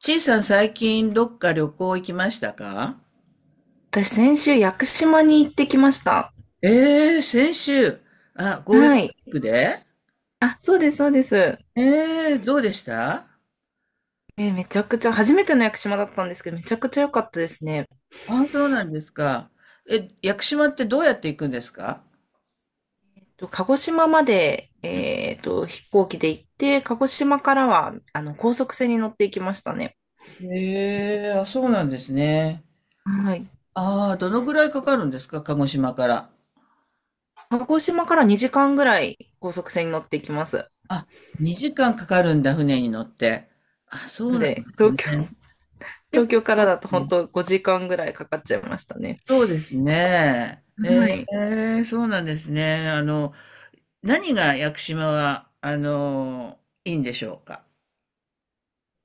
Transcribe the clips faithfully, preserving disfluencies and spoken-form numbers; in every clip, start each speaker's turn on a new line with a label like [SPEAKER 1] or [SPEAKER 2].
[SPEAKER 1] ちいさん、最近どっか旅行行きましたか？
[SPEAKER 2] 私、先週、屋久島に行ってきました。
[SPEAKER 1] ええー、先週、あ、ゴールデ
[SPEAKER 2] は
[SPEAKER 1] ン
[SPEAKER 2] い。
[SPEAKER 1] ウィークで。
[SPEAKER 2] あ、そうです、そうです。
[SPEAKER 1] ええーどうでした？
[SPEAKER 2] えーめちゃくちゃ、初めての屋久島だったんですけど、めちゃくちゃ良かったですね。
[SPEAKER 1] あ、そうなんですか。え、屋久島ってどうやって行くんですか？
[SPEAKER 2] と鹿児島まで、えーと、飛行機で行って、鹿児島からは、あの、高速船に乗っていきましたね。
[SPEAKER 1] ええー、あ、そうなんですね。
[SPEAKER 2] はい。
[SPEAKER 1] ああ、どのぐらいかかるんですか、鹿児島から。
[SPEAKER 2] 鹿児島からにじかんぐらい高速船に乗っていきます。
[SPEAKER 1] あ、にじかんかかるんだ、船に乗って。あ、そう
[SPEAKER 2] なん
[SPEAKER 1] なん
[SPEAKER 2] で、
[SPEAKER 1] です
[SPEAKER 2] 東
[SPEAKER 1] ね。
[SPEAKER 2] 京、
[SPEAKER 1] 結
[SPEAKER 2] 東京から
[SPEAKER 1] 構、
[SPEAKER 2] だと本当ごじかんぐらいかかっちゃいましたね。
[SPEAKER 1] そうですね。え
[SPEAKER 2] はい。
[SPEAKER 1] えー、そうなんですね。あの、何が屋久島は、あのいいんでしょうか？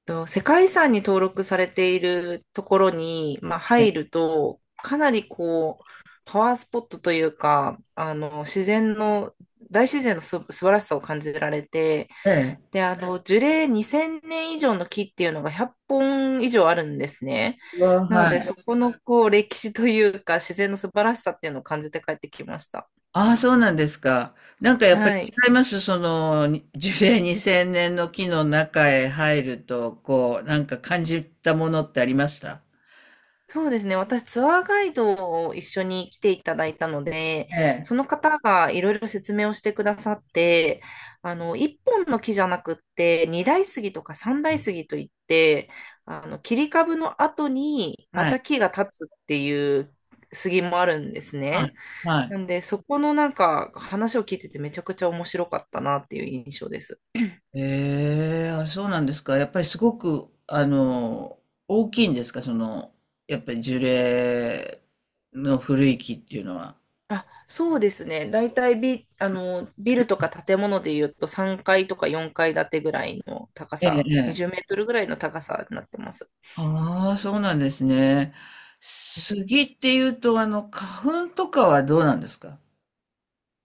[SPEAKER 2] と、世界遺産に登録されているところに、まあ、
[SPEAKER 1] え
[SPEAKER 2] 入
[SPEAKER 1] え。
[SPEAKER 2] ると、かなりこう、パワースポットというか、あの、自然の、大自然のす素晴らしさを感じられて、
[SPEAKER 1] ええ、
[SPEAKER 2] で、あの、樹齢にせんねん以上の木っていうのがひゃっぽん以上あるんですね。なの
[SPEAKER 1] は
[SPEAKER 2] で、
[SPEAKER 1] い。
[SPEAKER 2] そこのこう、歴史というか、自然の素晴らしさっていうのを感じて帰ってきました。
[SPEAKER 1] ああ、そうなんですか。なんかやっぱ
[SPEAKER 2] は
[SPEAKER 1] り
[SPEAKER 2] い。
[SPEAKER 1] 違います。その、に樹齢にせんねんの木の中へ入ると、こう、なんか感じたものってありました？
[SPEAKER 2] そうですね。私、ツアーガイドを一緒に来ていただいたので、
[SPEAKER 1] ええ。
[SPEAKER 2] その方がいろいろ説明をしてくださって、あの、一本の木じゃなくって、二大杉とか三大杉といって、あの、切り株の後にま
[SPEAKER 1] は
[SPEAKER 2] た
[SPEAKER 1] い。
[SPEAKER 2] 木が立つっていう杉もあるんです
[SPEAKER 1] はい。
[SPEAKER 2] ね。
[SPEAKER 1] はい。
[SPEAKER 2] なんで、そこのなんか話を聞いててめちゃくちゃ面白かったなっていう印象です。
[SPEAKER 1] ええ、あ、そうなんですか。やっぱりすごく、あの、大きいんですか、その、やっぱり樹齢の古い木っていうのは。
[SPEAKER 2] あ、そうですね。大体ビ、あの、ビルとか建物で言うとさんがいとかよんかい建てぐらいの高
[SPEAKER 1] ええ。
[SPEAKER 2] さ、20メ
[SPEAKER 1] え、
[SPEAKER 2] ートルぐらいの高さになってます。
[SPEAKER 1] ああ、そうなんですね。杉っていうと、あの、花粉とかはどうなんですか？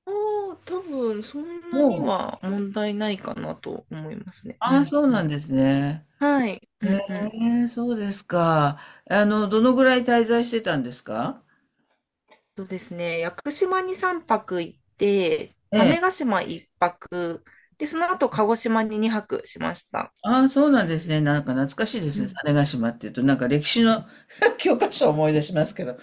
[SPEAKER 2] おー、多分そんなに
[SPEAKER 1] もう、
[SPEAKER 2] は問題ないかなと思いますね。う
[SPEAKER 1] ああ、
[SPEAKER 2] ん、
[SPEAKER 1] そう
[SPEAKER 2] う
[SPEAKER 1] な
[SPEAKER 2] ん。
[SPEAKER 1] んですね。
[SPEAKER 2] はい。う
[SPEAKER 1] え
[SPEAKER 2] ん、うん。
[SPEAKER 1] え、そうですか。あの、どのぐらい滞在してたんですか？
[SPEAKER 2] そうですね。屋久島にさんぱく行って、
[SPEAKER 1] ええ。
[SPEAKER 2] 種子島いっぱく、で、その後鹿児島ににはくしました。
[SPEAKER 1] ああ、そうなんですね。なんか懐かしいで
[SPEAKER 2] う
[SPEAKER 1] すね。
[SPEAKER 2] ん。
[SPEAKER 1] 種子島っていうと、なんか歴史の 教科書を思い出しますけど。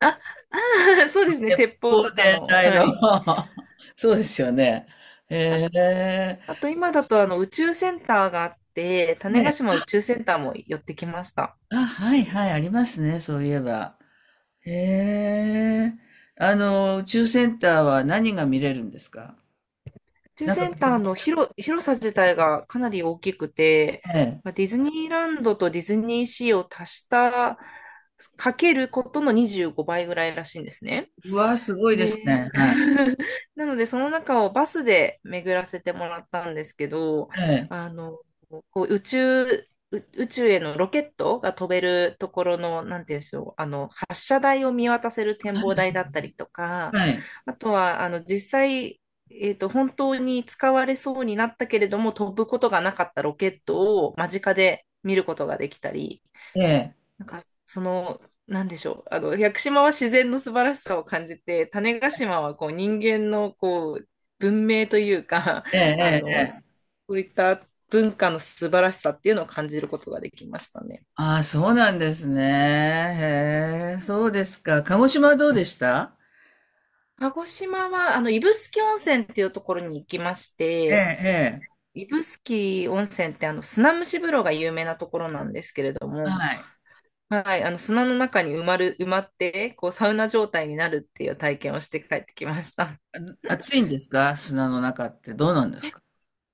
[SPEAKER 2] あ、あー、そうですね。
[SPEAKER 1] 鉄
[SPEAKER 2] 鉄砲
[SPEAKER 1] 砲
[SPEAKER 2] とか
[SPEAKER 1] 伝
[SPEAKER 2] の、
[SPEAKER 1] 来
[SPEAKER 2] は
[SPEAKER 1] の
[SPEAKER 2] い。
[SPEAKER 1] そうですよね。ええ。
[SPEAKER 2] あと今だとあの宇宙センターがあって、種子
[SPEAKER 1] ね、
[SPEAKER 2] 島宇宙センターも寄ってきました。
[SPEAKER 1] あ、はいはい、ありますね。そういえば。へえ。あの、宇宙センターは何が見れるんですか？
[SPEAKER 2] 宇宙
[SPEAKER 1] なんか、
[SPEAKER 2] センターの広、広さ自体がかなり大きくて、
[SPEAKER 1] ええ。
[SPEAKER 2] まあディズニーランドとディズニーシーを足した、かけることのにじゅうごばいぐらいらしいんですね。
[SPEAKER 1] うわ、すごいです
[SPEAKER 2] で、
[SPEAKER 1] ね。はい。
[SPEAKER 2] なのでその中をバスで巡らせてもらったんですけど、
[SPEAKER 1] ええ。
[SPEAKER 2] あの、こう宇宙、う宇宙へのロケットが飛べるところの、なんていうんでしょう、あの、発射台を見渡せる展望台だったりとか、
[SPEAKER 1] はい。
[SPEAKER 2] あとは、あの、実際、えっと、本当に使われそうになったけれども、飛ぶことがなかったロケットを間近で見ることができたり、
[SPEAKER 1] ええ。
[SPEAKER 2] なんか、その、なんでしょう。あの、屋久島は自然の素晴らしさを感じて、種子島はこう人間のこう文明というか、
[SPEAKER 1] ええ。
[SPEAKER 2] あ
[SPEAKER 1] ええ。
[SPEAKER 2] の、
[SPEAKER 1] ええ、
[SPEAKER 2] そういった文化の素晴らしさっていうのを感じることができましたね。
[SPEAKER 1] ああ、そうなんですね。へえ。そうですか。鹿児島はどうでした？
[SPEAKER 2] 鹿児島は、あの、指宿温泉っていうところに行きまし
[SPEAKER 1] ええ、
[SPEAKER 2] て、
[SPEAKER 1] ええ。
[SPEAKER 2] 指宿温泉ってあの、砂蒸し風呂が有名なところなんですけれども、
[SPEAKER 1] はい。
[SPEAKER 2] はい、あの、砂の中に埋まる、埋まって、こう、サウナ状態になるっていう体験をして帰ってきました。
[SPEAKER 1] あ、暑いんですか、砂の中って、どうなんですか？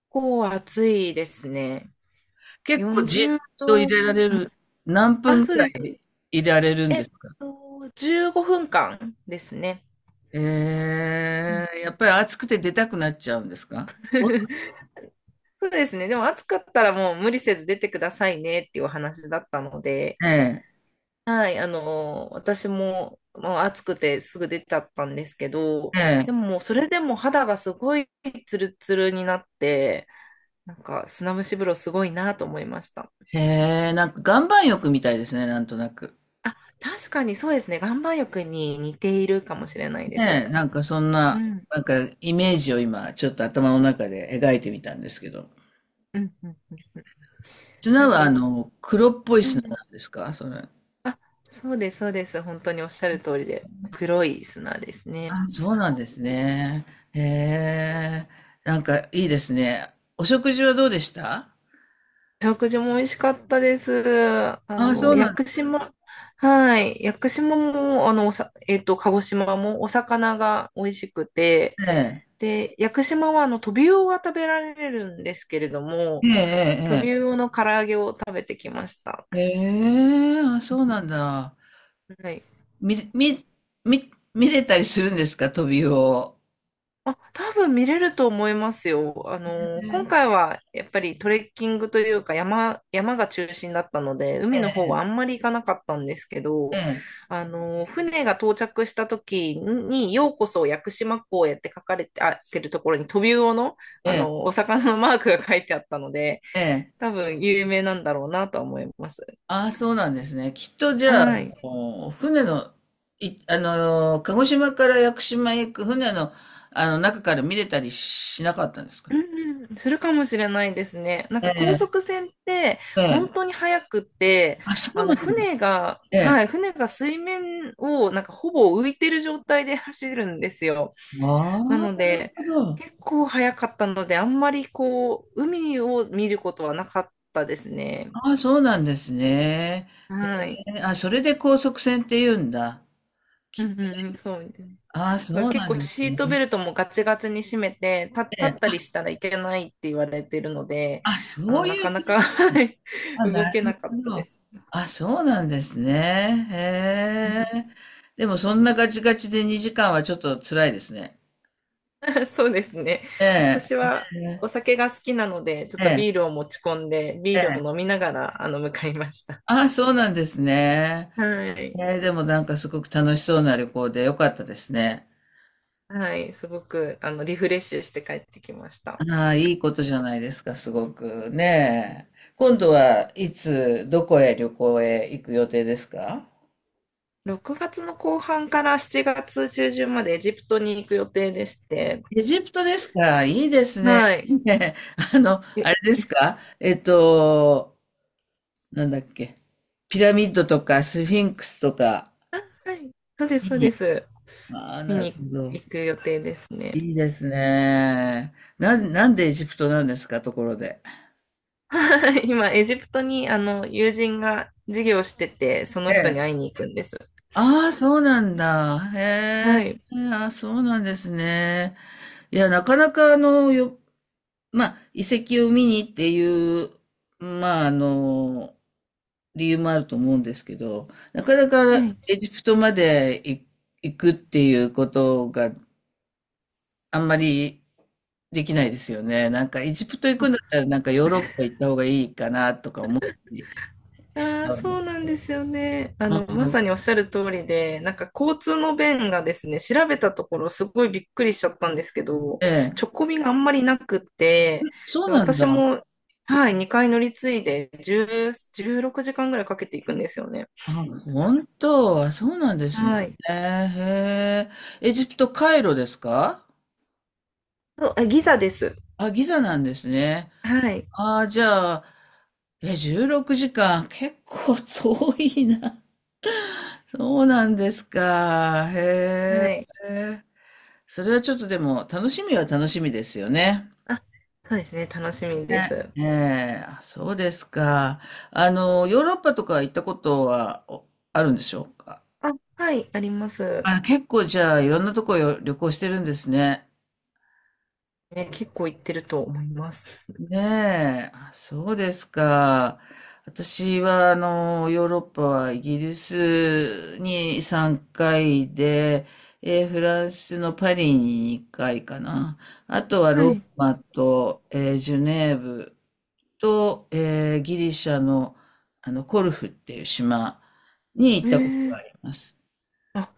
[SPEAKER 2] 構暑いですね。
[SPEAKER 1] 結構じ
[SPEAKER 2] 40
[SPEAKER 1] っと入
[SPEAKER 2] 度、
[SPEAKER 1] れられる。何分
[SPEAKER 2] あ、
[SPEAKER 1] ぐ
[SPEAKER 2] そう
[SPEAKER 1] ら
[SPEAKER 2] です。
[SPEAKER 1] い入れられるん
[SPEAKER 2] え
[SPEAKER 1] で
[SPEAKER 2] っ
[SPEAKER 1] すか？
[SPEAKER 2] と、じゅうごふんかんですね。うん
[SPEAKER 1] ええ、やっぱり暑くて出たくなっちゃうんですか？
[SPEAKER 2] そうですね。でも暑かったらもう無理せず出てくださいねっていうお話だったので、
[SPEAKER 1] ええ、
[SPEAKER 2] はい、あの、私も、まあ、暑くてすぐ出ちゃったんですけど、で
[SPEAKER 1] え
[SPEAKER 2] ももうそれでも肌がすごいツルツルになって、なんか砂蒸し風呂すごいなと思いました。
[SPEAKER 1] え、へえ、なんか岩盤浴みたいですね、なんとなく。
[SPEAKER 2] あ、確かにそうですね。岩盤浴に似ているかもしれないです。
[SPEAKER 1] ねえ、なんかそん
[SPEAKER 2] う
[SPEAKER 1] な、
[SPEAKER 2] ん。
[SPEAKER 1] なんかイメージを今ちょっと頭の中で描いてみたんですけど。
[SPEAKER 2] うん。うん。うん。うん
[SPEAKER 1] 砂
[SPEAKER 2] あ
[SPEAKER 1] は
[SPEAKER 2] と、
[SPEAKER 1] あの、黒っぽい
[SPEAKER 2] う
[SPEAKER 1] 砂
[SPEAKER 2] ん。
[SPEAKER 1] なんですか？それ。
[SPEAKER 2] あ、そうです、そうです。本当におっしゃる通りで、黒い砂ですね。
[SPEAKER 1] あ、そうなんですね。へえ、なんかいいですね。お食事はどうでした？
[SPEAKER 2] 食事も美味しかったです。あ
[SPEAKER 1] あ、そ
[SPEAKER 2] の、
[SPEAKER 1] う
[SPEAKER 2] 屋
[SPEAKER 1] なん
[SPEAKER 2] 久
[SPEAKER 1] で
[SPEAKER 2] 島、はい。屋久島も、あの、おさ、えっと、鹿児島もお魚が美味しくて、
[SPEAKER 1] すね
[SPEAKER 2] で、屋久島は、あの、トビウオが食べられるんですけれども、ト
[SPEAKER 1] え。
[SPEAKER 2] ビ
[SPEAKER 1] ええ、
[SPEAKER 2] ウオの唐揚げを食べてきました。
[SPEAKER 1] ええええ。へえ、あ、そうなんだ。
[SPEAKER 2] はい。
[SPEAKER 1] 見、見、見、見れたりするんですか、トビウオを。
[SPEAKER 2] あ、多分見れると思いますよ。あの、今回はやっぱりトレッキングというか山、山が中心だったので、海
[SPEAKER 1] え
[SPEAKER 2] の方
[SPEAKER 1] え、
[SPEAKER 2] はあんまり行かなかったんですけ
[SPEAKER 1] え
[SPEAKER 2] ど、
[SPEAKER 1] え、
[SPEAKER 2] あの、船が到着した時に、ようこそ屋久島港へって書かれて、あ、てるところにトビウオの、
[SPEAKER 1] え
[SPEAKER 2] あの、
[SPEAKER 1] え、
[SPEAKER 2] お魚のマークが書いてあったので、
[SPEAKER 1] ええ。
[SPEAKER 2] 多分有名なんだろうなとは思います。
[SPEAKER 1] ああ、そうなんですね。きっとじゃあ、あ
[SPEAKER 2] はい。
[SPEAKER 1] の船の、い、あの、鹿児島から屋久島へ行く船の、あの中から見れたりしなかったんですか？
[SPEAKER 2] うんうんするかもしれないですね。なん
[SPEAKER 1] え
[SPEAKER 2] か高
[SPEAKER 1] え、
[SPEAKER 2] 速船って
[SPEAKER 1] ええ。
[SPEAKER 2] 本当に速くって、
[SPEAKER 1] あ、そ
[SPEAKER 2] あ
[SPEAKER 1] うな
[SPEAKER 2] の
[SPEAKER 1] んだ。
[SPEAKER 2] 船が、
[SPEAKER 1] ええ。
[SPEAKER 2] はい、船が水面をなんかほぼ浮いてる状態で走るんですよ。な
[SPEAKER 1] あ
[SPEAKER 2] の
[SPEAKER 1] あ、なる
[SPEAKER 2] で、
[SPEAKER 1] ほど。
[SPEAKER 2] 結構速かったので、あんまりこう、海を見ることはなかったですね。
[SPEAKER 1] ああ、そうなんですね。
[SPEAKER 2] はい。
[SPEAKER 1] え、あ、それで高速船って言うんだ。
[SPEAKER 2] うんうんうん、そう。
[SPEAKER 1] ああ、
[SPEAKER 2] これ
[SPEAKER 1] そう
[SPEAKER 2] 結
[SPEAKER 1] な
[SPEAKER 2] 構
[SPEAKER 1] んです
[SPEAKER 2] シート
[SPEAKER 1] ね。
[SPEAKER 2] ベルトもガチガチに締めて、立立
[SPEAKER 1] え
[SPEAKER 2] った
[SPEAKER 1] え、
[SPEAKER 2] りしたらいけないって言われてるので、
[SPEAKER 1] あ、
[SPEAKER 2] あ
[SPEAKER 1] そ
[SPEAKER 2] の、
[SPEAKER 1] う
[SPEAKER 2] な
[SPEAKER 1] い
[SPEAKER 2] か
[SPEAKER 1] う
[SPEAKER 2] な
[SPEAKER 1] 系、
[SPEAKER 2] か はい
[SPEAKER 1] あ、
[SPEAKER 2] 動
[SPEAKER 1] な
[SPEAKER 2] け
[SPEAKER 1] る
[SPEAKER 2] なかっ
[SPEAKER 1] ほ
[SPEAKER 2] たで
[SPEAKER 1] ど。
[SPEAKER 2] す。
[SPEAKER 1] あ、そうなんですね。
[SPEAKER 2] うん
[SPEAKER 1] へえ。でもそんなガチガチでにじかんはちょっと辛いですね。
[SPEAKER 2] そうですね。
[SPEAKER 1] ええ。
[SPEAKER 2] 私は
[SPEAKER 1] ええ。
[SPEAKER 2] お酒が好きなので、ちょっ
[SPEAKER 1] え
[SPEAKER 2] と
[SPEAKER 1] え。
[SPEAKER 2] ビールを持ち込んで、ビー
[SPEAKER 1] ええ、
[SPEAKER 2] ルを飲みながら、あの、向かいました。
[SPEAKER 1] あ、そうなんですね。
[SPEAKER 2] はい。
[SPEAKER 1] ええ、でもなんかすごく楽しそうな旅行でよかったですね。
[SPEAKER 2] はい。すごく、あの、リフレッシュして帰ってきました。
[SPEAKER 1] ああ、いいことじゃないですか、すごくねえ。今度はいつ、どこへ旅行へ行く予定ですか？
[SPEAKER 2] ろくがつの後半からしちがつ中旬までエジプトに行く予定でして、
[SPEAKER 1] エジプトですか、いいですね。
[SPEAKER 2] はい。
[SPEAKER 1] ねえ、あの、あ
[SPEAKER 2] え
[SPEAKER 1] れですかえっと、なんだっけ。ピラミッドとかスフィンクスとか。
[SPEAKER 2] はい。そうです、そうです。
[SPEAKER 1] ああ、
[SPEAKER 2] 見
[SPEAKER 1] なる
[SPEAKER 2] に
[SPEAKER 1] ほど。
[SPEAKER 2] 行く予定ですね。
[SPEAKER 1] いいですね。なん、なんでエジプトなんですか、ところで。
[SPEAKER 2] 今、エジプトにあの友人が授業してて、そ
[SPEAKER 1] え
[SPEAKER 2] の人に
[SPEAKER 1] え。
[SPEAKER 2] 会いに行くんです。
[SPEAKER 1] ああ、そうなんだ。へ
[SPEAKER 2] はい。
[SPEAKER 1] え。ああ、そうなんですね。いや、なかなかあの、よ、まあ、遺跡を見にっていう、まあ、あの、理由もあると思うんですけど、なかな
[SPEAKER 2] は
[SPEAKER 1] か
[SPEAKER 2] い。
[SPEAKER 1] エジプトまで行行くっていうことがあんまりできないですよね。なんかエジプト行くんだったらなんかヨーロッパ行った方がいいかなとか思って。
[SPEAKER 2] ああ、そう
[SPEAKER 1] う
[SPEAKER 2] なんですよね。あの、ま
[SPEAKER 1] ん、
[SPEAKER 2] さにおっしゃる通りで、なんか交通の便がですね、調べたところすごいびっくりしちゃったんですけど、
[SPEAKER 1] ええ。
[SPEAKER 2] 直行便があんまりなくって、
[SPEAKER 1] そう
[SPEAKER 2] で
[SPEAKER 1] なん
[SPEAKER 2] 私
[SPEAKER 1] だ。
[SPEAKER 2] も、はい、にかい乗り継いで10、じゅうろくじかんぐらいかけていくんですよね。
[SPEAKER 1] あ、本当。あ、そうなんですね。
[SPEAKER 2] はい。
[SPEAKER 1] えー、へえ。エジプト、カイロですか？
[SPEAKER 2] と、あ、ギザです。
[SPEAKER 1] あ、ギザなんですね。
[SPEAKER 2] はい。
[SPEAKER 1] ああ、じゃあ、え、じゅうろくじかん。結構遠いな。そうなんですか。へ
[SPEAKER 2] はい。
[SPEAKER 1] え。それはちょっとでも楽しみは楽しみですよね。
[SPEAKER 2] あ、そうですね。楽しみで
[SPEAKER 1] ね、
[SPEAKER 2] す。
[SPEAKER 1] ええ、あ、そうですか。あの、ヨーロッパとか行ったことはおあるんでしょうか。
[SPEAKER 2] あ、はい、あります。
[SPEAKER 1] あ、結構じゃあいろんなとこよ旅行してるんですね。
[SPEAKER 2] ね、結構行ってると思います。
[SPEAKER 1] ねえ、あ、そうですか。私は、あの、ヨーロッパはイギリスにさんかいで、えー、フランスのパリににかいかな。あとは
[SPEAKER 2] は
[SPEAKER 1] ロー
[SPEAKER 2] い。
[SPEAKER 1] マと、えー、ジュネーブと、えー、ギリシャの、あの、コルフっていう島に行
[SPEAKER 2] え
[SPEAKER 1] ったことが
[SPEAKER 2] ー、
[SPEAKER 1] あります。
[SPEAKER 2] あ、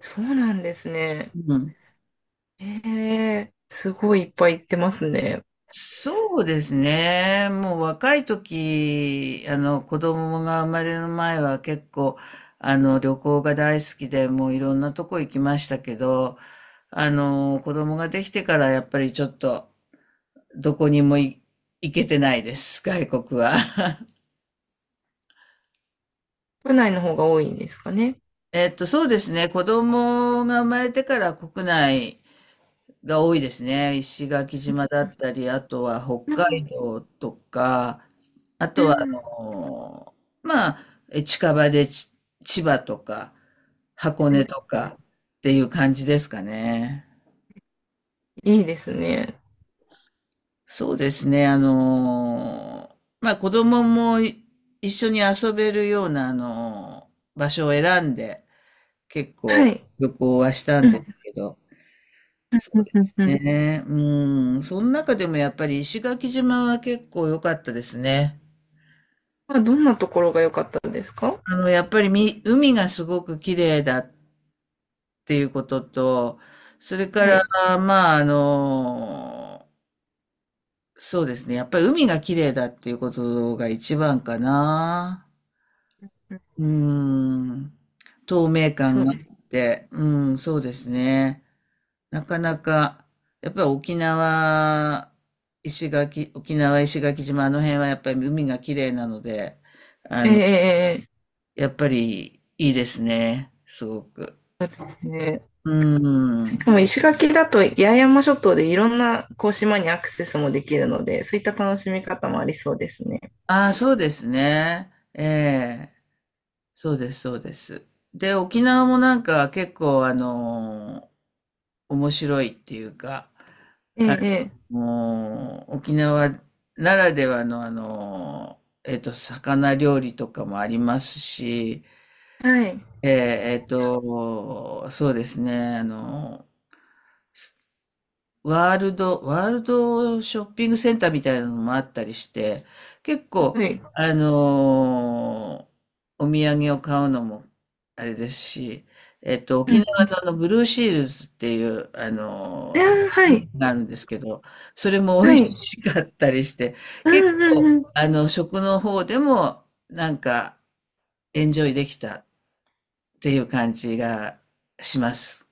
[SPEAKER 2] そうなんですね。
[SPEAKER 1] うん。
[SPEAKER 2] えー、すごいいっぱい行ってますね。
[SPEAKER 1] そうですね。もう若い時、あの子供が生まれる前は結構、あの旅行が大好きで、もういろんなとこ行きましたけど、あの子供ができてからやっぱりちょっとどこにもい行けてないです、外国は。
[SPEAKER 2] 国内の方が多いんですかね。
[SPEAKER 1] えっと、そうですね。子供が生まれてから国内が多いですね。石垣島だったり、あとは
[SPEAKER 2] う
[SPEAKER 1] 北
[SPEAKER 2] ん
[SPEAKER 1] 海道とか、あ
[SPEAKER 2] う
[SPEAKER 1] とは、あ
[SPEAKER 2] ん
[SPEAKER 1] のーまあ、え近場でち千葉とか、箱
[SPEAKER 2] はい
[SPEAKER 1] 根とかっていう感じですかね。
[SPEAKER 2] いいですね。
[SPEAKER 1] そうですね。あのーまあ、子供もい一緒に遊べるような、あのー場所を選んで、結
[SPEAKER 2] は
[SPEAKER 1] 構
[SPEAKER 2] い。
[SPEAKER 1] 旅行はした
[SPEAKER 2] う
[SPEAKER 1] んです
[SPEAKER 2] ん。
[SPEAKER 1] けど、
[SPEAKER 2] う
[SPEAKER 1] そう
[SPEAKER 2] ん
[SPEAKER 1] で
[SPEAKER 2] うん
[SPEAKER 1] す
[SPEAKER 2] うん。
[SPEAKER 1] ね。うん。その中でもやっぱり石垣島は結構良かったですね。
[SPEAKER 2] まあ、どんなところが良かったですか？
[SPEAKER 1] あの、やっぱりみ、海がすごく綺麗だっていうことと、それか
[SPEAKER 2] は
[SPEAKER 1] ら、
[SPEAKER 2] い。
[SPEAKER 1] まあ、あの、そうですね。やっぱり海が綺麗だっていうことが一番かな。うーん。透明感
[SPEAKER 2] そう
[SPEAKER 1] が
[SPEAKER 2] で
[SPEAKER 1] あっ
[SPEAKER 2] す。
[SPEAKER 1] て、うん、そうですね。なかなか、やっぱり沖縄、石垣、沖縄、石垣島、あの辺はやっぱり海が綺麗なので、
[SPEAKER 2] えええ
[SPEAKER 1] やっぱりいいですね、すごく。
[SPEAKER 2] えええ
[SPEAKER 1] う
[SPEAKER 2] し
[SPEAKER 1] ん。
[SPEAKER 2] かも石垣だと八重山諸島でいろんなこう島にアクセスもできるので、そういった楽しみ方もありそうですね。
[SPEAKER 1] ああ、そうですね。ええ。そうです、そうです。で、沖縄もなんか結構あの面白いっていうか、
[SPEAKER 2] え
[SPEAKER 1] あ
[SPEAKER 2] え、
[SPEAKER 1] の沖縄ならではのあの、えっと、魚料理とかもありますし、
[SPEAKER 2] ええはい、
[SPEAKER 1] えー、えっと、そうですね、あの、ワールド、ワールドショッピングセンターみたいなのもあったりして、結構、
[SPEAKER 2] はい。
[SPEAKER 1] あのーお土産を買うのも、あれですし、えっと、
[SPEAKER 2] う
[SPEAKER 1] 沖縄
[SPEAKER 2] ん、うん
[SPEAKER 1] のあの、ブルーシールズっていう、あ
[SPEAKER 2] あ
[SPEAKER 1] のーアイス
[SPEAKER 2] ー
[SPEAKER 1] ク
[SPEAKER 2] は
[SPEAKER 1] リ
[SPEAKER 2] い、
[SPEAKER 1] ームがあるんですけど、それも美
[SPEAKER 2] は
[SPEAKER 1] 味
[SPEAKER 2] い。
[SPEAKER 1] しかったりして、
[SPEAKER 2] う
[SPEAKER 1] 結
[SPEAKER 2] ん、うん、
[SPEAKER 1] 構、
[SPEAKER 2] うん。
[SPEAKER 1] あの、食の方でも、なんか、エンジョイできたっていう感じがします。